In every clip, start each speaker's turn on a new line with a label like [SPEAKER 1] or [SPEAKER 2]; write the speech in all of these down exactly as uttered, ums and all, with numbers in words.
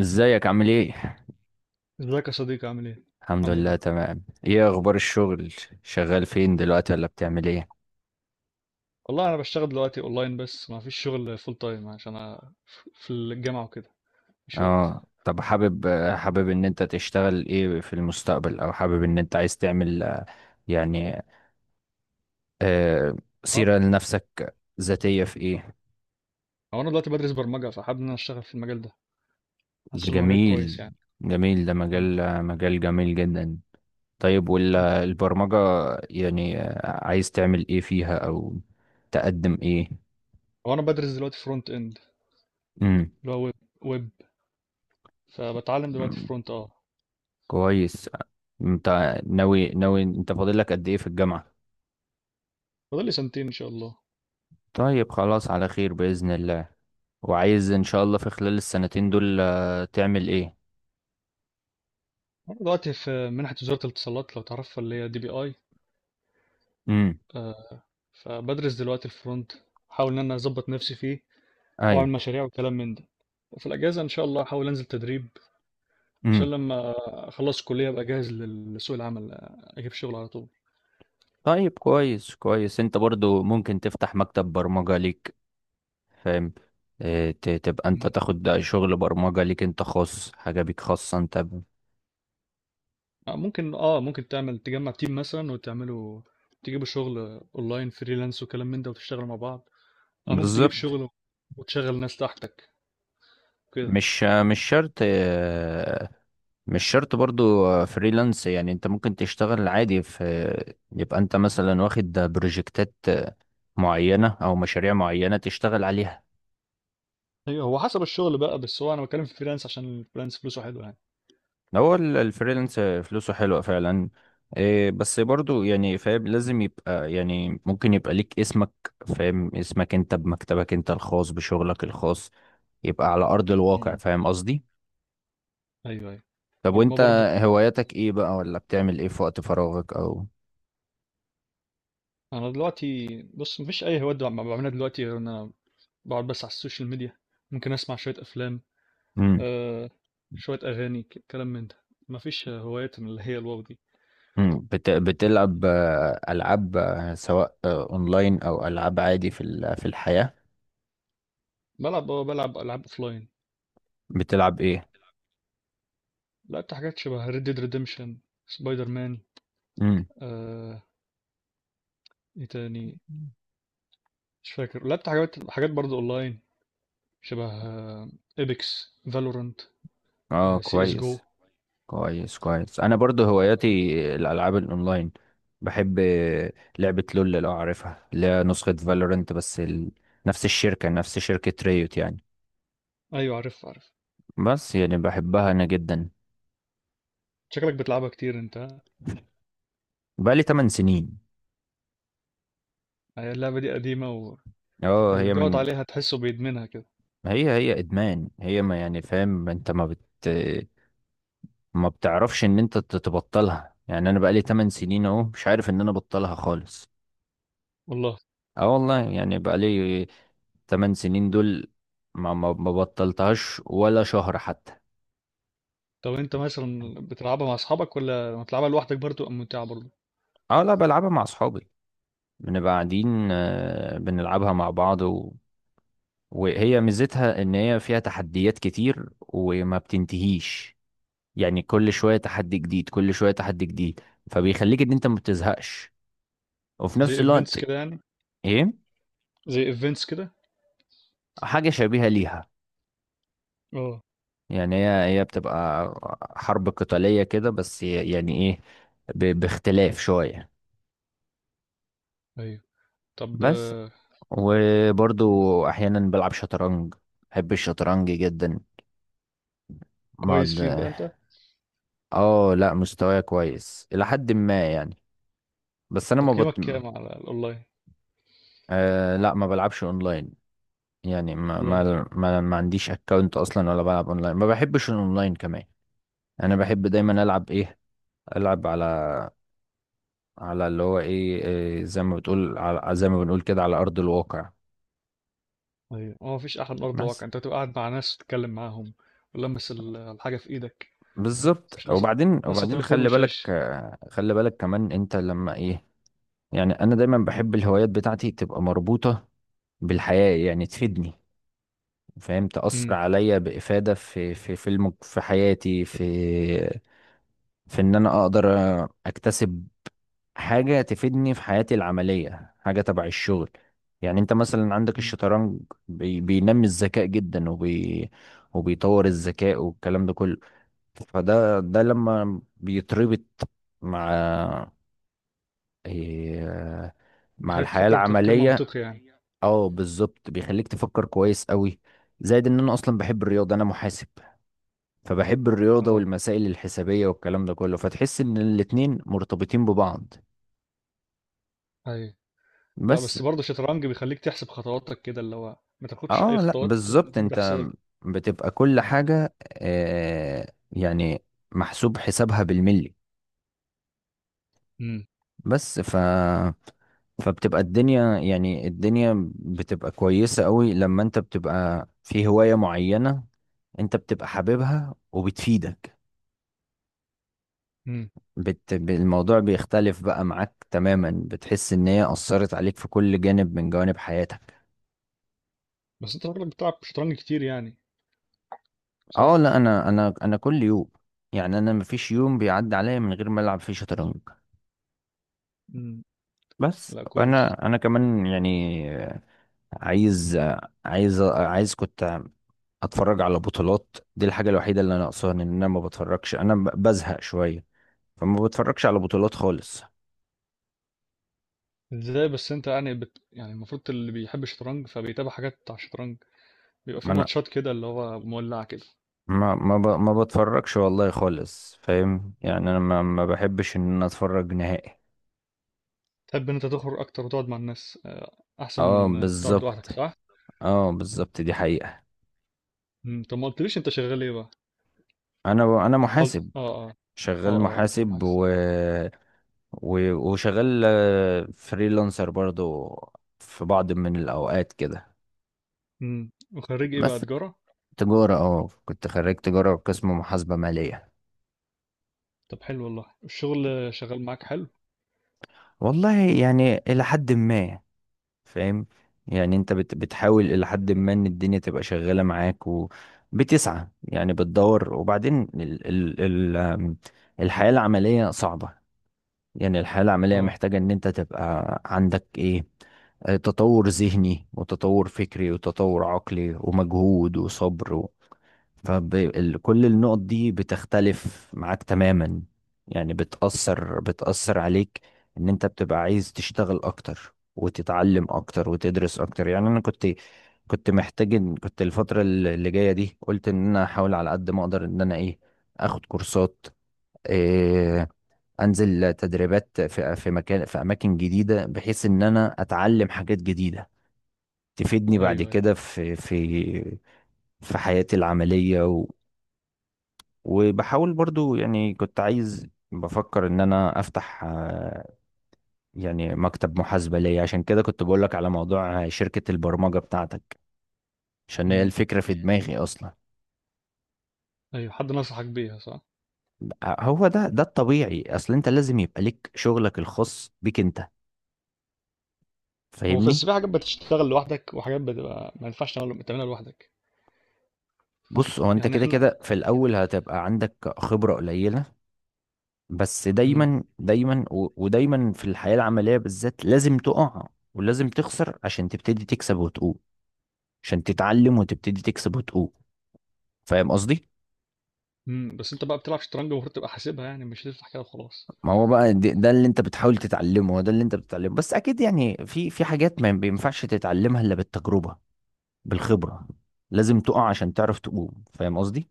[SPEAKER 1] ازيك عامل ايه؟
[SPEAKER 2] ازيك يا صديقي عامل ايه؟
[SPEAKER 1] الحمد
[SPEAKER 2] الحمد
[SPEAKER 1] لله
[SPEAKER 2] لله.
[SPEAKER 1] تمام. ايه اخبار الشغل؟ شغال فين دلوقتي ولا بتعمل ايه؟
[SPEAKER 2] والله انا بشتغل دلوقتي اونلاين بس ما فيش شغل فول تايم عشان انا ف- في الجامعه وكده. مفيش وقت.
[SPEAKER 1] اه طب حابب حابب ان انت تشتغل ايه في المستقبل، او حابب ان انت عايز تعمل، آه، يعني آه
[SPEAKER 2] هو
[SPEAKER 1] سيرة لنفسك ذاتية في ايه؟
[SPEAKER 2] هو انا دلوقتي بدرس برمجه فحابب ان انا اشتغل في المجال ده. حاسس انه مجال كويس
[SPEAKER 1] جميل.
[SPEAKER 2] يعني.
[SPEAKER 1] جميل، ده
[SPEAKER 2] مم.
[SPEAKER 1] مجال مجال جميل جدا. طيب
[SPEAKER 2] مم.
[SPEAKER 1] والبرمجة، يعني آه، عايز تعمل ايه فيها، او تقدم ايه؟
[SPEAKER 2] هو انا بدرس دلوقتي فرونت اند اللي هو ويب ويب فبتعلم دلوقتي
[SPEAKER 1] امم
[SPEAKER 2] فرونت اه
[SPEAKER 1] كويس. انت ناوي ناوي، انت فاضل لك قد ايه في الجامعة؟
[SPEAKER 2] فاضل لي سنتين ان شاء الله.
[SPEAKER 1] طيب، خلاص على خير بإذن الله. وعايز ان شاء الله في خلال السنتين دول آه، تعمل ايه؟
[SPEAKER 2] انا دلوقتي في منحه وزاره الاتصالات لو تعرفها اللي هي دي بي اي
[SPEAKER 1] امم.
[SPEAKER 2] آه، فبدرس دلوقتي الفرونت، احاول ان انا اظبط نفسي فيه
[SPEAKER 1] ايوه.
[SPEAKER 2] واعمل مشاريع وكلام من ده. وفي الأجازة إن شاء الله هحاول أنزل تدريب
[SPEAKER 1] امم.
[SPEAKER 2] عشان لمّا أخلّص الكلية أبقى جاهز لل لسوق العمل، أجيب شغل على طول.
[SPEAKER 1] طيب كويس. كويس، انت برضو ممكن تفتح مكتب برمجة ليك، فاهم؟ اه، ت- تبقى انت
[SPEAKER 2] إمم.
[SPEAKER 1] تاخد شغل برمجة ليك انت خاص، حاجة بيك خاصة انت ب-
[SPEAKER 2] آه، ممكن آه، ممكن تعمل تجمّع team مثلًا وتعملوا تجيبوا شغل online freelance وكلام من ده وتشتغلوا مع بعض، أو ممكن تجيب
[SPEAKER 1] بالظبط.
[SPEAKER 2] شغل وتشغّل ناس تحتك كده.
[SPEAKER 1] مش مش شرط، آه، مش شرط برضو، آه، فريلانس. يعني انت ممكن تشتغل عادي، في يبقى انت مثلا واخد بروجكتات آه، معينة او مشاريع معينة تشتغل عليها.
[SPEAKER 2] أيوه، هو حسب الشغل بقى، بس هو أنا باتكلّم في الfreelance عشان الfreelance فلوسه حلوة يعني.
[SPEAKER 1] هو ال- الفريلانس آه، فلوسه حلوة فعلا. إيه، بس برضو يعني فاهم، لازم يبقى، يعني ممكن يبقى ليك اسمك، فاهم؟ اسمك انت بمكتبك انت الخاص بشغلك الخاص، يبقى على ارض الواقع،
[SPEAKER 2] إمم.
[SPEAKER 1] فاهم قصدي؟
[SPEAKER 2] أيوه، أيوه.
[SPEAKER 1] طب
[SPEAKER 2] والما
[SPEAKER 1] وانت
[SPEAKER 2] برضه.
[SPEAKER 1] هواياتك ايه بقى، ولا بتعمل ايه في وقت فراغك؟ او
[SPEAKER 2] أنا دلوقتي بُص، ما فيش أي هوايات د باعملها دلوقتي غير إن أنا باقعد بس على السوشيال ميديا، ممكن أسمع شوية أفلام.
[SPEAKER 1] مم.
[SPEAKER 2] آه شوية أغاني ك- كلام من ده. مفيش هوايات من اللي هي الواو دي.
[SPEAKER 1] مم. بت... بتلعب آه، ألعاب آه، سواء آه، أونلاين أو ألعاب عادي في ال... في الحياة؟
[SPEAKER 2] بلعب آه، بلعب ألعاب أوفلاين.
[SPEAKER 1] بتلعب إيه؟
[SPEAKER 2] لعبت حاجات شبه ريد ديد ريديمشن، سبايدر مان.
[SPEAKER 1] مم.
[SPEAKER 2] آه إيه تاني، مش فاكر. لعبت حاجات حاجات برضه أونلاين شبه إبكس، فالورانت،
[SPEAKER 1] اه
[SPEAKER 2] سي إس جو.
[SPEAKER 1] كويس. كويس كويس، أنا برضو هواياتي الألعاب الأونلاين. بحب آه، لعبة لول، لو عارفها، اللي هي نسخة فالورنت، بس ال... نفس الشركة نفس شركة ريوت يعني.
[SPEAKER 2] أيوة، عارف عارف.
[SPEAKER 1] بس يعني بحبها أنا جدا.
[SPEAKER 2] شكلك بتلعبها كتير أنت ها؟
[SPEAKER 1] بقالي 8 سنين.
[SPEAKER 2] هي اللعبة دي قديمة. واللي
[SPEAKER 1] اه هي
[SPEAKER 2] بيقعد
[SPEAKER 1] من،
[SPEAKER 2] عليها تحسه بيدمنها كده.
[SPEAKER 1] هي هي ادمان، هي، ما يعني، فاهم انت ما بت ما بتعرفش ان انت ت- تبطلها. يعني انا بقالي 8 سنين اهو، مش عارف ان انا ابطلها خالص.
[SPEAKER 2] والله.
[SPEAKER 1] اه والله يعني بقالي 8 سنين دول، ما ما ما بطلتهاش ولا شهر حتى.
[SPEAKER 2] طب أنت مثلا بتلعبها مع أصحابك ولا بتلعبها لوحدك برضه؟ أم ممتعة برضه؟
[SPEAKER 1] اه لا، بلعبها مع اصحابي. بنبقى قاعدين آه، بنلعبها مع بعض و... وهي ميزتها ان هي فيها تحديات كتير وما بتنتهيش، يعني كل شوية تحدي جديد، كل شوية تحدي جديد. فبيخليك ان انت ما بتزهقش، وفي
[SPEAKER 2] زي
[SPEAKER 1] نفس
[SPEAKER 2] إيفنتس
[SPEAKER 1] الوقت.
[SPEAKER 2] كده يعني.
[SPEAKER 1] ايه،
[SPEAKER 2] زي ايفنتس كده.
[SPEAKER 1] حاجة شبيهة ليها.
[SPEAKER 2] اه،
[SPEAKER 1] يعني هي هي بتبقى حرب قتالية كده، بس ي- يعني ايه، ب- باختلاف شوية.
[SPEAKER 2] ايوه. طب
[SPEAKER 1] بس.
[SPEAKER 2] آه، أقول لك،
[SPEAKER 1] وبرضو احيانا بلعب شطرنج، بحب الشطرنج جدا.
[SPEAKER 2] كويس
[SPEAKER 1] بقعد.
[SPEAKER 2] فيه بقى انت.
[SPEAKER 1] اه لا، مستواي كويس الى حد ما يعني، بس انا ما بط...
[SPEAKER 2] تقييمك كام على الاونلاين؟
[SPEAKER 1] آه لا، ما بلعبش اونلاين. يعني ما
[SPEAKER 2] اونلاين؟
[SPEAKER 1] ما ما, ما عنديش اكونت اصلا، ولا بلعب اونلاين، ما بحبش الاونلاين كمان. انا بحب دايما العب ايه، العب على، على اللي هو ايه، إيه، زي ما بتقول على زي ما بنقول كده على ارض الواقع.
[SPEAKER 2] ايوه، هو مفيش احلى من ارض
[SPEAKER 1] بس.
[SPEAKER 2] الواقع، انت تبقى قاعد مع ناس تتكلم معاهم ولمس ال- الحاجه في ايدك. مش
[SPEAKER 1] بالظبط.
[SPEAKER 2] ناقصه
[SPEAKER 1] وبعدين
[SPEAKER 2] ناقصه
[SPEAKER 1] وبعدين
[SPEAKER 2] تليفون
[SPEAKER 1] خلي بالك
[SPEAKER 2] وشاشه.
[SPEAKER 1] آه، خلي بالك كمان، انت لما ايه، يعني انا دايما بحب الهوايات بتاعتي تبقى مربوطة بالحياة، يعني تفيدني، فاهم؟ تأثر
[SPEAKER 2] امم.
[SPEAKER 1] عليا بإفادة في في في الم... في حياتي، في. في ان انا اقدر اكتسب حاجة تفيدني في حياتي العملية، حاجة تبع الشغل. يعني انت مثلا عندك
[SPEAKER 2] امم.
[SPEAKER 1] الشطرنج، بي... بينمي الذكاء جدا، وبي... وبيطور الذكاء والكلام ده كله. فده ده لما بيتربط مع، إيه... مع
[SPEAKER 2] بيخليك
[SPEAKER 1] الحياة
[SPEAKER 2] تفكر بتفكير
[SPEAKER 1] العملية.
[SPEAKER 2] منطقي يعني.
[SPEAKER 1] اه بالظبط، بيخليك تفكر كويس قوي. زائد ان انا اصلا بحب الرياضة، انا محاسب، فبحب الرياضة
[SPEAKER 2] اه،
[SPEAKER 1] والمسائل الحسابية والكلام ده كله، فتحس ان الاتنين مرتبطين ببعض.
[SPEAKER 2] ايوه. لا
[SPEAKER 1] بس.
[SPEAKER 2] بس برضه الشطرنج بيخليك تحسب خطواتك كده اللي هو ما تاخدش اي
[SPEAKER 1] اه لا
[SPEAKER 2] خطوات
[SPEAKER 1] بالظبط،
[SPEAKER 2] ما
[SPEAKER 1] انت
[SPEAKER 2] تحسبها.
[SPEAKER 1] بتبقى كل حاجة آه يعني محسوب حسابها بالملي.
[SPEAKER 2] امم.
[SPEAKER 1] بس ف فبتبقى الدنيا، يعني الدنيا بتبقى كويسة قوي لما انت بتبقى في هواية معينة، انت بتبقى حاببها وبتفيدك.
[SPEAKER 2] امم.
[SPEAKER 1] بت... ب- الموضوع بيختلف بقى معاك تماما، بتحس ان هي أثرت عليك في كل جانب من جوانب حياتك.
[SPEAKER 2] بس انت راجلك بتلعب شطرنج كتير يعني،
[SPEAKER 1] اه
[SPEAKER 2] صح؟
[SPEAKER 1] لا، انا انا انا كل يوم، يعني انا مفيش يوم بيعدي عليا من غير ما العب فيه شطرنج.
[SPEAKER 2] امم.
[SPEAKER 1] بس
[SPEAKER 2] لا، كويس.
[SPEAKER 1] انا انا كمان يعني، عايز عايز عايز كنت اتفرج على بطولات. دي الحاجه الوحيده اللي انا ناقصاها، ان انا ما بتفرجش، انا ب- بزهق شويه، فما بتفرجش على بطولات خالص.
[SPEAKER 2] ازاي بس انت يعني بت... يعني المفروض اللي بيحب الشطرنج فبيتابع حاجات بتاع الشطرنج، بيبقى
[SPEAKER 1] ما
[SPEAKER 2] في
[SPEAKER 1] انا،
[SPEAKER 2] ماتشات كده اللي هو مولعة كده.
[SPEAKER 1] ما ما ب- ما بتفرجش والله خالص، فاهم؟ يعني انا ما ما بحبش ان انا اتفرج نهائي.
[SPEAKER 2] تحب ان انت تخرج اكتر وتقعد مع الناس آه، احسن
[SPEAKER 1] اه
[SPEAKER 2] من تقعد
[SPEAKER 1] بالظبط.
[SPEAKER 2] لوحدك صح؟
[SPEAKER 1] اه بالظبط، دي حقيقه.
[SPEAKER 2] مم، طب ما قلتليش انت شغال ايه بقى؟
[SPEAKER 1] انا انا
[SPEAKER 2] انت قلت
[SPEAKER 1] محاسب.
[SPEAKER 2] اه، اه، اه، اه،
[SPEAKER 1] شغال
[SPEAKER 2] آه، قلت لي
[SPEAKER 1] محاسب،
[SPEAKER 2] معاك.
[SPEAKER 1] و و- وشغال آه، فريلانسر برضو في بعض من الأوقات كده.
[SPEAKER 2] امم، وخريج ايه بقى؟
[SPEAKER 1] بس
[SPEAKER 2] تجارة؟
[SPEAKER 1] تجارة. اه كنت خريج تجارة قسم محاسبة مالية.
[SPEAKER 2] طب حلو والله الشغل. شغال معاك حلو؟
[SPEAKER 1] والله يعني إلى حد ما، فاهم؟ يعني أنت بت بتحاول إلى حد ما إن الدنيا تبقى شغالة معاك، وبتسعى يعني بتدور، وبعدين ال ال ال آم، الحياة العملية صعبة. يعني الحياة العملية
[SPEAKER 2] اه،
[SPEAKER 1] محتاجة ان انت تبقى عندك ايه، آه، تطور ذهني وتطور فكري وتطور عقلي ومجهود وصبر و... فكل النقط دي بتختلف معاك تماما، يعني بتأثر بتأثر عليك، ان انت بتبقى عايز تشتغل اكتر وتتعلم اكتر وتدرس اكتر. يعني انا كنت، كنت محتاج إن- كنت الفترة اللي جاية دي قلت ان انا احاول على قد ما اقدر، ان انا ايه، اخد كورسات، آه، انزل تدريبات في في مكان في اماكن جديده، بحيث ان انا اتعلم حاجات جديده تفيدني بعد
[SPEAKER 2] ايوه، ايوه.
[SPEAKER 1] كده في في في حياتي العمليه، و وبحاول برضو، يعني كنت عايز بفكر ان انا افتح، آه، يعني مكتب محاسبه ليا، عشان كده كنت بقول لك على موضوع شركه البرمجه بتاعتك، عشان هي
[SPEAKER 2] امم،
[SPEAKER 1] الفكره في دماغي اصلا.
[SPEAKER 2] ايوه، حد نصحك بيها صح؟
[SPEAKER 1] هو ده ده الطبيعي، اصل انت لازم يبقى لك شغلك الخاص بيك انت،
[SPEAKER 2] هو في بس
[SPEAKER 1] فاهمني؟
[SPEAKER 2] في حاجات بتشتغل لوحدك وحاجات بتبقى ما ينفعش تعمل- تعملها لوحدك.
[SPEAKER 1] بص، هو انت
[SPEAKER 2] يعني
[SPEAKER 1] كده
[SPEAKER 2] احنا.
[SPEAKER 1] كده في الاول هتبقى عندك خبرة قليلة، بس
[SPEAKER 2] مم.
[SPEAKER 1] دايما دايما و- ودايما في الحياة العملية بالذات لازم تقع، ولازم تخسر عشان تبتدي تكسب وتقوم، عشان تتعلم وتبتدي تكسب وتقوم، فاهم قصدي؟
[SPEAKER 2] إمم، بس أنت بقى بتلعب شطرنج المفروض تبقى حاسبها يعني، مش تفتح كده وخلاص.
[SPEAKER 1] ما هو بقى دي- ده اللي انت بتحاول تتعلمه، هو ده اللي انت بتتعلمه، بس اكيد يعني في في حاجات ما بينفعش تتعلمها الا بالتجربة، بالخبرة. لازم تقع عشان تعرف تقوم، فاهم قصدي؟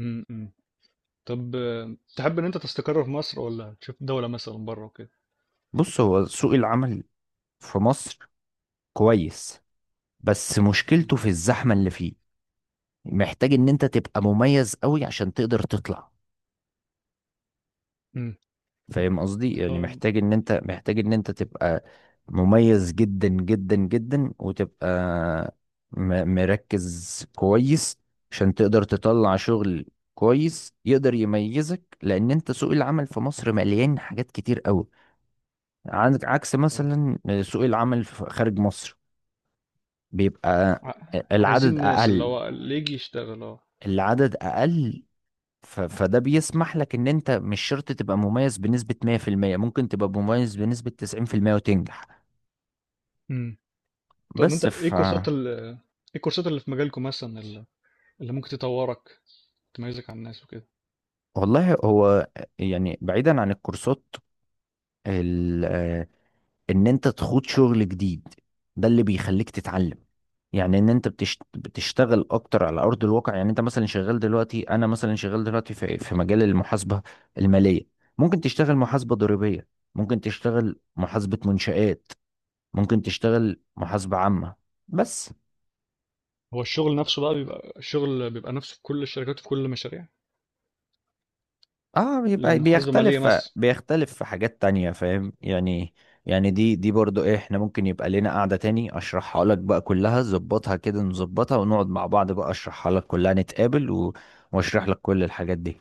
[SPEAKER 2] إمم، إمم. طب آه، تحب إن أنت تستقر في مصر والّا تشوف دولة مثلًا برّه وكده؟
[SPEAKER 1] بص، هو سوق العمل في مصر كويس، بس
[SPEAKER 2] إمم،
[SPEAKER 1] مشكلته في الزحمة اللي فيه، محتاج ان انت تبقى مميز قوي عشان تقدر تطلع،
[SPEAKER 2] إمم.
[SPEAKER 1] فاهم قصدي؟ يعني
[SPEAKER 2] طب
[SPEAKER 1] محتاج ان انت، محتاج ان انت تبقى مميز جدا جدا جدا، وتبقى م- مركز كويس عشان تقدر تطلع شغل كويس يقدر يميزك. لان انت سوق العمل في مصر مليان حاجات كتير قوي، عندك عكس
[SPEAKER 2] آه،
[SPEAKER 1] مثلا سوق العمل في- خارج مصر، بيبقى
[SPEAKER 2] ع عايزين
[SPEAKER 1] العدد
[SPEAKER 2] ناس اللي
[SPEAKER 1] اقل،
[SPEAKER 2] هو اللي ييجي يشتغل آه.
[SPEAKER 1] العدد اقل. ف... فده بيسمح لك ان انت مش شرط تبقى مميز بنسبة مية في المية، ممكن تبقى مميز بنسبة تسعين في المية وتنجح.
[SPEAKER 2] إمم. طب أنت
[SPEAKER 1] بس
[SPEAKER 2] إيه
[SPEAKER 1] ف
[SPEAKER 2] الكورسات، ال إيه الكورسات اللي في مجالكم، مثلًا ال اللي ممكن تطوّرك، تميّزك عن الناس وكده؟
[SPEAKER 1] والله، هو يعني بعيدا عن الكورسات، ال... آه، ان انت تخوض شغل جديد، ده اللي بيخليك تتعلم. يعني ان انت بتشت... بتشتغل اكتر على ارض الواقع. يعني انت مثلا شغال دلوقتي انا مثلا شغال دلوقتي في في مجال المحاسبة المالية، ممكن تشتغل محاسبة ضريبية، ممكن تشتغل محاسبة منشآت، ممكن تشتغل محاسبة عامة. بس
[SPEAKER 2] هو الشغل نفسه بقى، بيبقى الشغل بيبقى نفسه في كل الشركات وفي كل المشاريع؟
[SPEAKER 1] اه
[SPEAKER 2] لو
[SPEAKER 1] بيبقى
[SPEAKER 2] محاسبة مالية
[SPEAKER 1] بيختلف،
[SPEAKER 2] مثلًا،
[SPEAKER 1] بيختلف في حاجات تانية، فاهم يعني؟ يعني دي دي برضو ايه، احنا ممكن يبقى لنا قعدة تاني اشرحها لك بقى كلها، ظبطها كده نظبطها ونقعد مع بعض بقى اشرحها لك كلها، نتقابل و... واشرح لك كل الحاجات دي.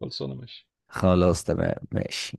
[SPEAKER 2] خلصانة ماشي.
[SPEAKER 1] خلاص تمام ماشي.